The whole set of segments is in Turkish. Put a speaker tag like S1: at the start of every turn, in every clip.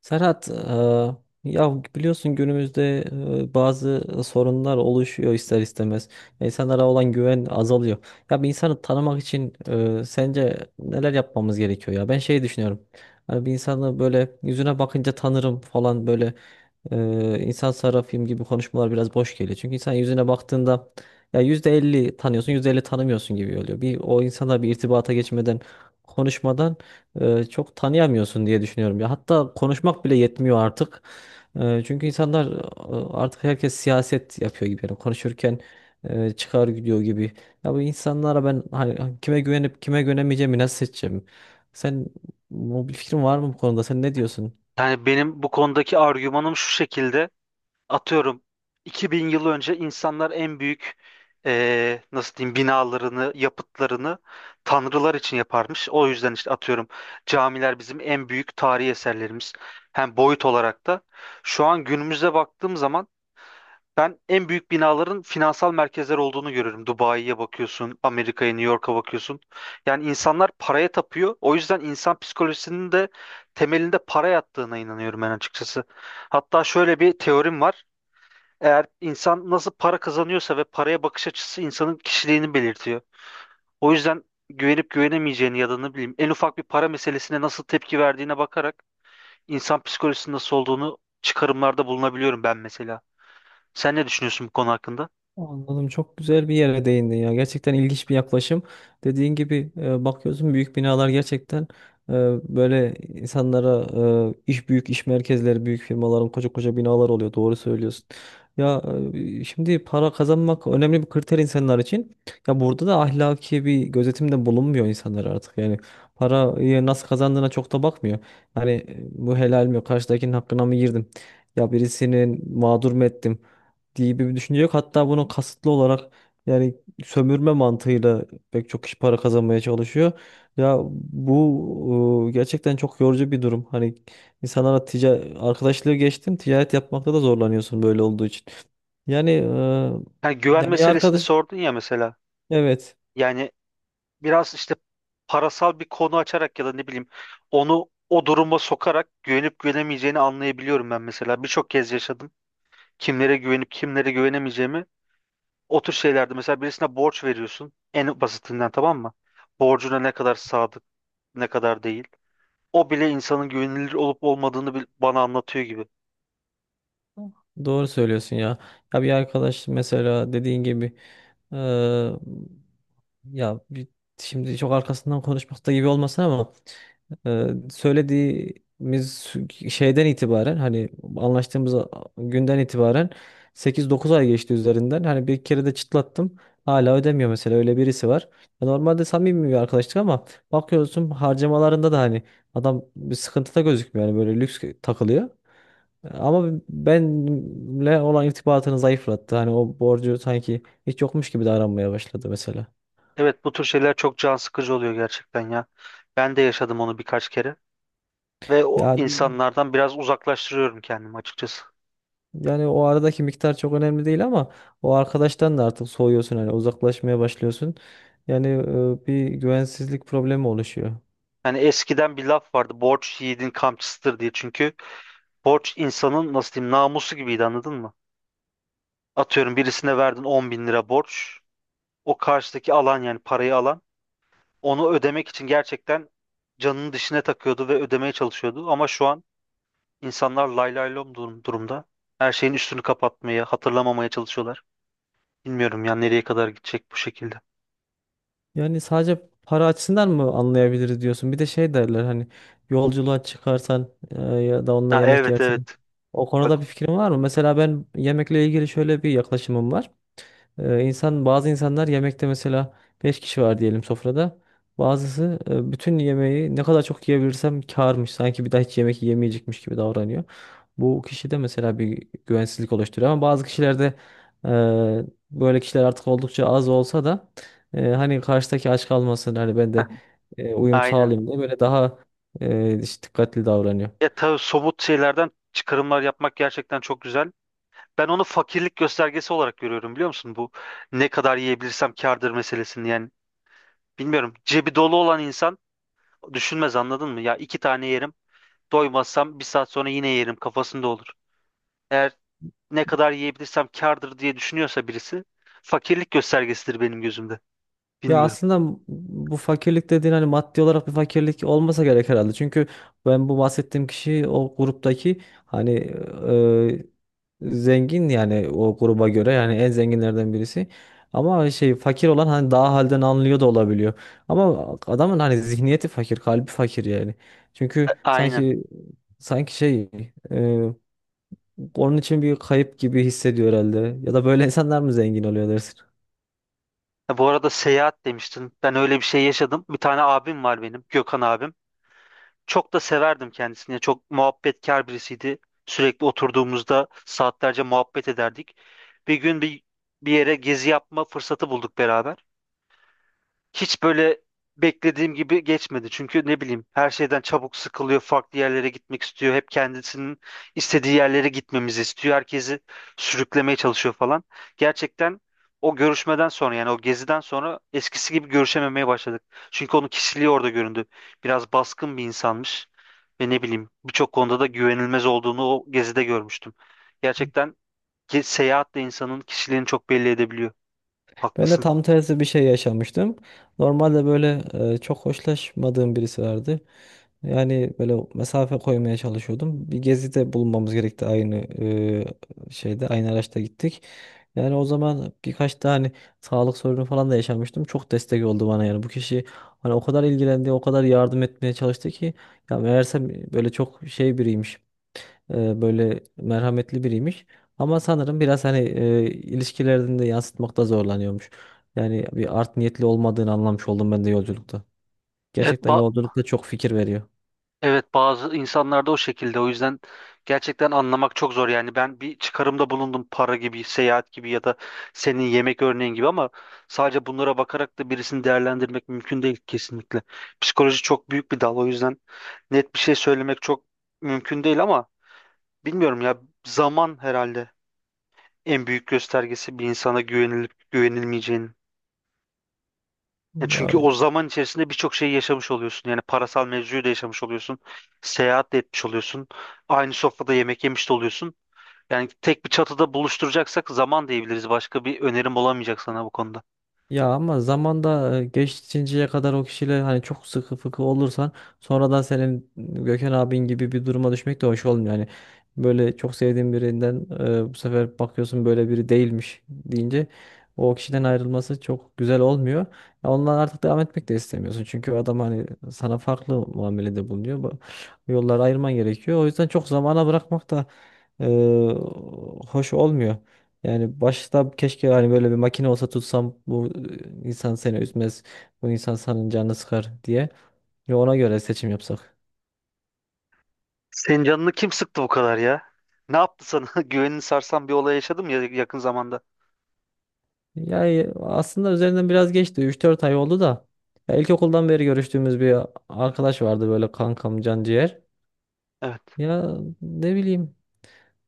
S1: Serhat, ya biliyorsun günümüzde bazı sorunlar oluşuyor ister istemez. İnsanlara olan güven azalıyor. Ya, bir insanı tanımak için sence neler yapmamız gerekiyor ya? Ben şey düşünüyorum. Hani bir insanı böyle yüzüne bakınca tanırım falan, böyle insan sarrafıyım gibi konuşmalar biraz boş geliyor. Çünkü insan yüzüne baktığında ya %50 tanıyorsun, %50 tanımıyorsun gibi oluyor. Bir o insana bir irtibata geçmeden, konuşmadan çok tanıyamıyorsun diye düşünüyorum. Ya hatta konuşmak bile yetmiyor artık. Çünkü insanlar artık herkes siyaset yapıyor gibi. Yani konuşurken çıkar gidiyor gibi. Ya, bu insanlara ben, hani, kime güvenip kime güvenemeyeceğimi nasıl seçeceğim? Sen, bu bir fikrin var mı bu konuda? Sen ne diyorsun?
S2: Yani benim bu konudaki argümanım şu şekilde. Atıyorum 2000 yıl önce insanlar en büyük nasıl diyeyim binalarını, yapıtlarını tanrılar için yaparmış. O yüzden işte atıyorum camiler bizim en büyük tarihi eserlerimiz. Hem boyut olarak da. Şu an günümüze baktığım zaman ben en büyük binaların finansal merkezler olduğunu görüyorum. Dubai'ye bakıyorsun, Amerika'ya, New York'a bakıyorsun. Yani insanlar paraya tapıyor. O yüzden insan psikolojisinin de temelinde para yattığına inanıyorum ben açıkçası. Hatta şöyle bir teorim var. Eğer insan nasıl para kazanıyorsa ve paraya bakış açısı insanın kişiliğini belirtiyor. O yüzden güvenip güvenemeyeceğini ya da ne bileyim en ufak bir para meselesine nasıl tepki verdiğine bakarak insan psikolojisinin nasıl olduğunu çıkarımlarda bulunabiliyorum ben mesela. Sen ne düşünüyorsun bu konu hakkında?
S1: Anladım. Çok güzel bir yere değindin ya. Gerçekten ilginç bir yaklaşım. Dediğin gibi bakıyorsun, büyük binalar gerçekten e, böyle insanlara, büyük iş merkezleri, büyük firmaların koca koca binalar oluyor. Doğru söylüyorsun. Ya, şimdi para kazanmak önemli bir kriter insanlar için. Ya, burada da ahlaki bir gözetimde bulunmuyor insanlar artık. Yani parayı nasıl kazandığına çok da bakmıyor. Hani bu helal mi? Karşıdakinin hakkına mı girdim? Ya birisinin mağdur mu ettim diye bir düşünce yok. Hatta bunu kasıtlı olarak, yani sömürme mantığıyla pek çok kişi para kazanmaya çalışıyor. Ya bu gerçekten çok yorucu bir durum. Hani insanlara arkadaşlığı geçtim, ticaret yapmakta da zorlanıyorsun böyle olduğu için. Yani
S2: Yani güven
S1: ya bir
S2: meselesini
S1: arkadaş,
S2: sordun ya mesela.
S1: evet,
S2: Yani biraz işte parasal bir konu açarak ya da ne bileyim onu o duruma sokarak güvenip güvenemeyeceğini anlayabiliyorum ben mesela. Birçok kez yaşadım. Kimlere güvenip kimlere güvenemeyeceğimi. O tür şeylerde mesela birisine borç veriyorsun. En basitinden tamam mı? Borcuna ne kadar sadık, ne kadar değil. O bile insanın güvenilir olup olmadığını bana anlatıyor gibi.
S1: doğru söylüyorsun ya. Ya bir arkadaş mesela, dediğin gibi e, ya bir, şimdi çok arkasından konuşmakta gibi olmasın ama söylediğimiz şeyden itibaren, hani anlaştığımız günden itibaren 8-9 ay geçti üzerinden. Hani bir kere de çıtlattım. Hala ödemiyor, mesela öyle birisi var. Ya, normalde samimi bir arkadaşlık ama bakıyorsun, harcamalarında da hani adam bir sıkıntıda gözükmüyor. Yani böyle lüks takılıyor. Ama benimle olan irtibatını zayıflattı. Hani o borcu sanki hiç yokmuş gibi davranmaya başladı mesela.
S2: Evet bu tür şeyler çok can sıkıcı oluyor gerçekten ya. Ben de yaşadım onu birkaç kere. Ve o
S1: Ya,
S2: insanlardan biraz uzaklaştırıyorum kendimi açıkçası.
S1: yani o aradaki miktar çok önemli değil ama o arkadaştan da artık soğuyorsun, hani uzaklaşmaya başlıyorsun. Yani bir güvensizlik problemi oluşuyor.
S2: Yani eskiden bir laf vardı borç yiğidin kamçısıdır diye çünkü borç insanın nasıl diyeyim namusu gibiydi anladın mı? Atıyorum birisine verdin 10 bin lira borç, o karşıdaki alan yani parayı alan onu ödemek için gerçekten canının dişine takıyordu ve ödemeye çalışıyordu ama şu an insanlar lay lay lom durumda her şeyin üstünü kapatmaya, hatırlamamaya çalışıyorlar. Bilmiyorum ya nereye kadar gidecek bu şekilde.
S1: Yani sadece para açısından mı anlayabiliriz diyorsun. Bir de şey derler hani, yolculuğa çıkarsan ya da onunla
S2: Ha,
S1: yemek
S2: evet,
S1: yersen.
S2: evet.
S1: O
S2: Bak,
S1: konuda bir fikrin var mı? Mesela ben yemekle ilgili şöyle bir yaklaşımım var. Bazı insanlar yemekte, mesela 5 kişi var diyelim sofrada. Bazısı, bütün yemeği ne kadar çok yiyebilirsem kârmış. Sanki bir daha hiç yemek yemeyecekmiş gibi davranıyor. Bu kişide mesela bir güvensizlik oluşturuyor ama bazı kişilerde, e, böyle kişiler artık oldukça az olsa da, hani karşıdaki aç kalmasın, hani ben de uyum
S2: aynen.
S1: sağlayayım diye, böyle daha işte dikkatli davranıyor.
S2: Ya tabii somut şeylerden çıkarımlar yapmak gerçekten çok güzel. Ben onu fakirlik göstergesi olarak görüyorum biliyor musun? Bu ne kadar yiyebilirsem kârdır meselesini yani. Bilmiyorum. Cebi dolu olan insan düşünmez anladın mı? Ya iki tane yerim, doymazsam bir saat sonra yine yerim kafasında olur. Eğer ne kadar yiyebilirsem kârdır diye düşünüyorsa birisi, fakirlik göstergesidir benim gözümde.
S1: Ya
S2: Bilmiyorum.
S1: aslında bu fakirlik dediğin hani maddi olarak bir fakirlik olmasa gerek herhalde. Çünkü ben, bu bahsettiğim kişi o gruptaki, hani, zengin, yani o gruba göre, yani en zenginlerden birisi. Ama şey, fakir olan hani daha halden anlıyor da olabiliyor. Ama adamın hani zihniyeti fakir, kalbi fakir yani. Çünkü
S2: Aynen.
S1: sanki şey, e, onun için bir kayıp gibi hissediyor herhalde. Ya da böyle insanlar mı zengin oluyor dersin?
S2: Ya, bu arada seyahat demiştin. Ben öyle bir şey yaşadım. Bir tane abim var benim, Gökhan abim. Çok da severdim kendisini. Yani çok muhabbetkar birisiydi. Sürekli oturduğumuzda saatlerce muhabbet ederdik. Bir gün bir yere gezi yapma fırsatı bulduk beraber, hiç böyle beklediğim gibi geçmedi. Çünkü ne bileyim her şeyden çabuk sıkılıyor, farklı yerlere gitmek istiyor. Hep kendisinin istediği yerlere gitmemizi istiyor. Herkesi sürüklemeye çalışıyor falan. Gerçekten o görüşmeden sonra, yani o geziden sonra eskisi gibi görüşememeye başladık. Çünkü onun kişiliği orada göründü. Biraz baskın bir insanmış ve ne bileyim birçok konuda da güvenilmez olduğunu o gezide görmüştüm. Gerçekten seyahat de insanın kişiliğini çok belli edebiliyor.
S1: Ben de
S2: Haklısın.
S1: tam tersi bir şey yaşamıştım. Normalde böyle çok hoşlaşmadığım birisi vardı. Yani böyle mesafe koymaya çalışıyordum. Bir gezide bulunmamız gerekti, aynı şeyde, aynı araçta gittik. Yani o zaman birkaç tane hani sağlık sorunu falan da yaşamıştım. Çok destek oldu bana yani. Bu kişi hani o kadar ilgilendi, o kadar yardım etmeye çalıştı ki ya, meğersem böyle çok şey biriymiş, böyle merhametli biriymiş. Ama sanırım biraz, hani, ilişkilerini de yansıtmakta zorlanıyormuş. Yani bir art niyetli olmadığını anlamış oldum ben de yolculukta.
S2: Evet,
S1: Gerçekten yolculukta çok fikir veriyor.
S2: evet bazı insanlarda o şekilde. O yüzden gerçekten anlamak çok zor. Yani ben bir çıkarımda bulundum, para gibi, seyahat gibi ya da senin yemek örneğin gibi, ama sadece bunlara bakarak da birisini değerlendirmek mümkün değil kesinlikle. Psikoloji çok büyük bir dal, o yüzden net bir şey söylemek çok mümkün değil ama bilmiyorum ya, zaman herhalde en büyük göstergesi bir insana güvenilip güvenilmeyeceğinin. Ya
S1: Ya
S2: çünkü o zaman içerisinde birçok şeyi yaşamış oluyorsun. Yani parasal mevzuyu da yaşamış oluyorsun. Seyahat de etmiş oluyorsun. Aynı sofrada yemek yemiş de oluyorsun. Yani tek bir çatıda buluşturacaksak zaman diyebiliriz. Başka bir önerim olamayacak sana bu konuda.
S1: Ya ama zamanda, geçinceye kadar o kişiyle hani çok sıkı fıkı olursan, sonradan senin Gökhan abin gibi bir duruma düşmek de hoş olmuyor. Yani böyle çok sevdiğin birinden bu sefer bakıyorsun böyle biri değilmiş deyince, o kişiden ayrılması çok güzel olmuyor. Ya, ondan artık devam etmek de istemiyorsun. Çünkü adam hani sana farklı muamelede bulunuyor. Bu yolları ayırman gerekiyor. O yüzden çok zamana bırakmak da e, hoş olmuyor. Yani başta keşke hani böyle bir makine olsa tutsam, bu insan seni üzmez, bu insan senin canını sıkar diye. Ve ona göre seçim yapsak.
S2: Senin canını kim sıktı bu kadar ya? Ne yaptı sana? Güvenini sarsan bir olay yaşadım ya yakın zamanda.
S1: Yani aslında üzerinden biraz geçti. 3-4 ay oldu da. Ya, ilkokuldan beri görüştüğümüz bir arkadaş vardı, böyle kankam, can.
S2: Evet.
S1: Ya ne bileyim,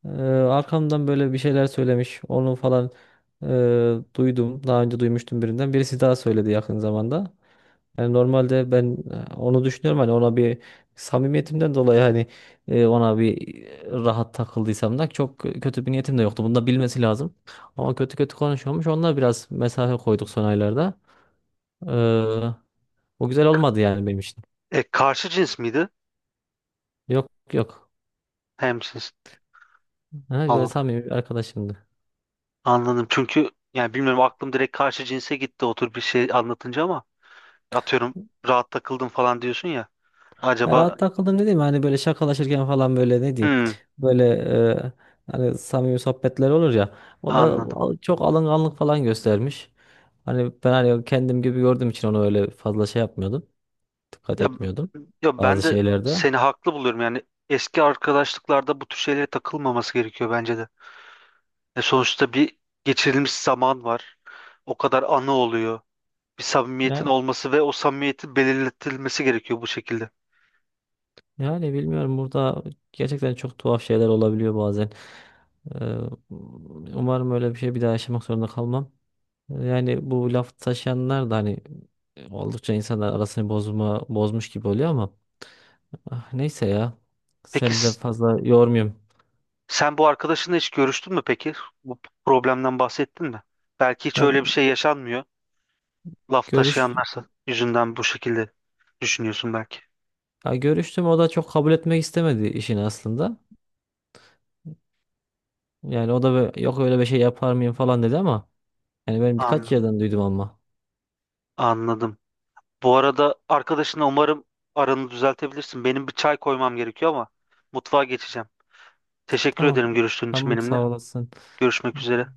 S1: arkamdan böyle bir şeyler söylemiş. Onu falan e, duydum. Daha önce duymuştum birinden. Birisi daha söyledi yakın zamanda. Yani normalde ben, onu düşünüyorum, hani ona bir samimiyetimden dolayı, hani ona bir rahat takıldıysam da çok kötü bir niyetim de yoktu. Bunu da bilmesi lazım. Ama kötü kötü konuşuyormuş. Onunla biraz mesafe koyduk son aylarda. Ee, O güzel olmadı yani benim için.
S2: E, karşı cins miydi?
S1: Yok, yok.
S2: Hem cins.
S1: Ha, böyle
S2: Allah.
S1: samimi bir arkadaşımdı.
S2: Anladım. Çünkü yani bilmiyorum, aklım direkt karşı cinse gitti otur bir şey anlatınca, ama atıyorum rahat takıldım falan diyorsun ya.
S1: Ha,
S2: Acaba.
S1: rahat takıldım dediğim, hani böyle şakalaşırken falan, böyle ne diyeyim.
S2: Hmm,
S1: Böyle e, hani samimi sohbetler olur ya. O da
S2: anladım.
S1: çok alınganlık falan göstermiş. Hani ben, hani kendim gibi gördüğüm için onu öyle fazla şey yapmıyordum. Dikkat
S2: Ya,
S1: etmiyordum
S2: ya ben
S1: bazı
S2: de
S1: şeylerde.
S2: seni haklı buluyorum. Yani eski arkadaşlıklarda bu tür şeylere takılmaması gerekiyor bence de. E sonuçta bir geçirilmiş zaman var. O kadar anı oluyor. Bir samimiyetin
S1: Ya,
S2: olması ve o samimiyetin belirletilmesi gerekiyor bu şekilde.
S1: yani bilmiyorum, burada gerçekten çok tuhaf şeyler olabiliyor bazen. Ee, Umarım öyle bir şey bir daha yaşamak zorunda kalmam. Yani bu laf taşıyanlar da hani oldukça insanlar arasını bozma, bozmuş gibi oluyor ama, ah, neyse ya.
S2: Peki
S1: Seni de fazla yormuyorum.
S2: sen bu arkadaşınla hiç görüştün mü peki? Bu problemden bahsettin mi? Belki hiç
S1: Ya,
S2: öyle
S1: evet.
S2: bir şey yaşanmıyor. Laf
S1: görüş
S2: taşıyanlarsa yüzünden bu şekilde düşünüyorsun belki.
S1: Ya, görüştüm, o da çok kabul etmek istemedi işini aslında. Yani o da yok, öyle bir şey yapar mıyım falan dedi ama, yani ben birkaç
S2: Anladım.
S1: yerden duydum ama.
S2: Anladım. Bu arada arkadaşına umarım aranı düzeltebilirsin. Benim bir çay koymam gerekiyor ama, mutfağa geçeceğim. Teşekkür
S1: Tamam.
S2: ederim görüştüğün için
S1: Tamam,
S2: benimle.
S1: sağ olasın.
S2: Görüşmek üzere.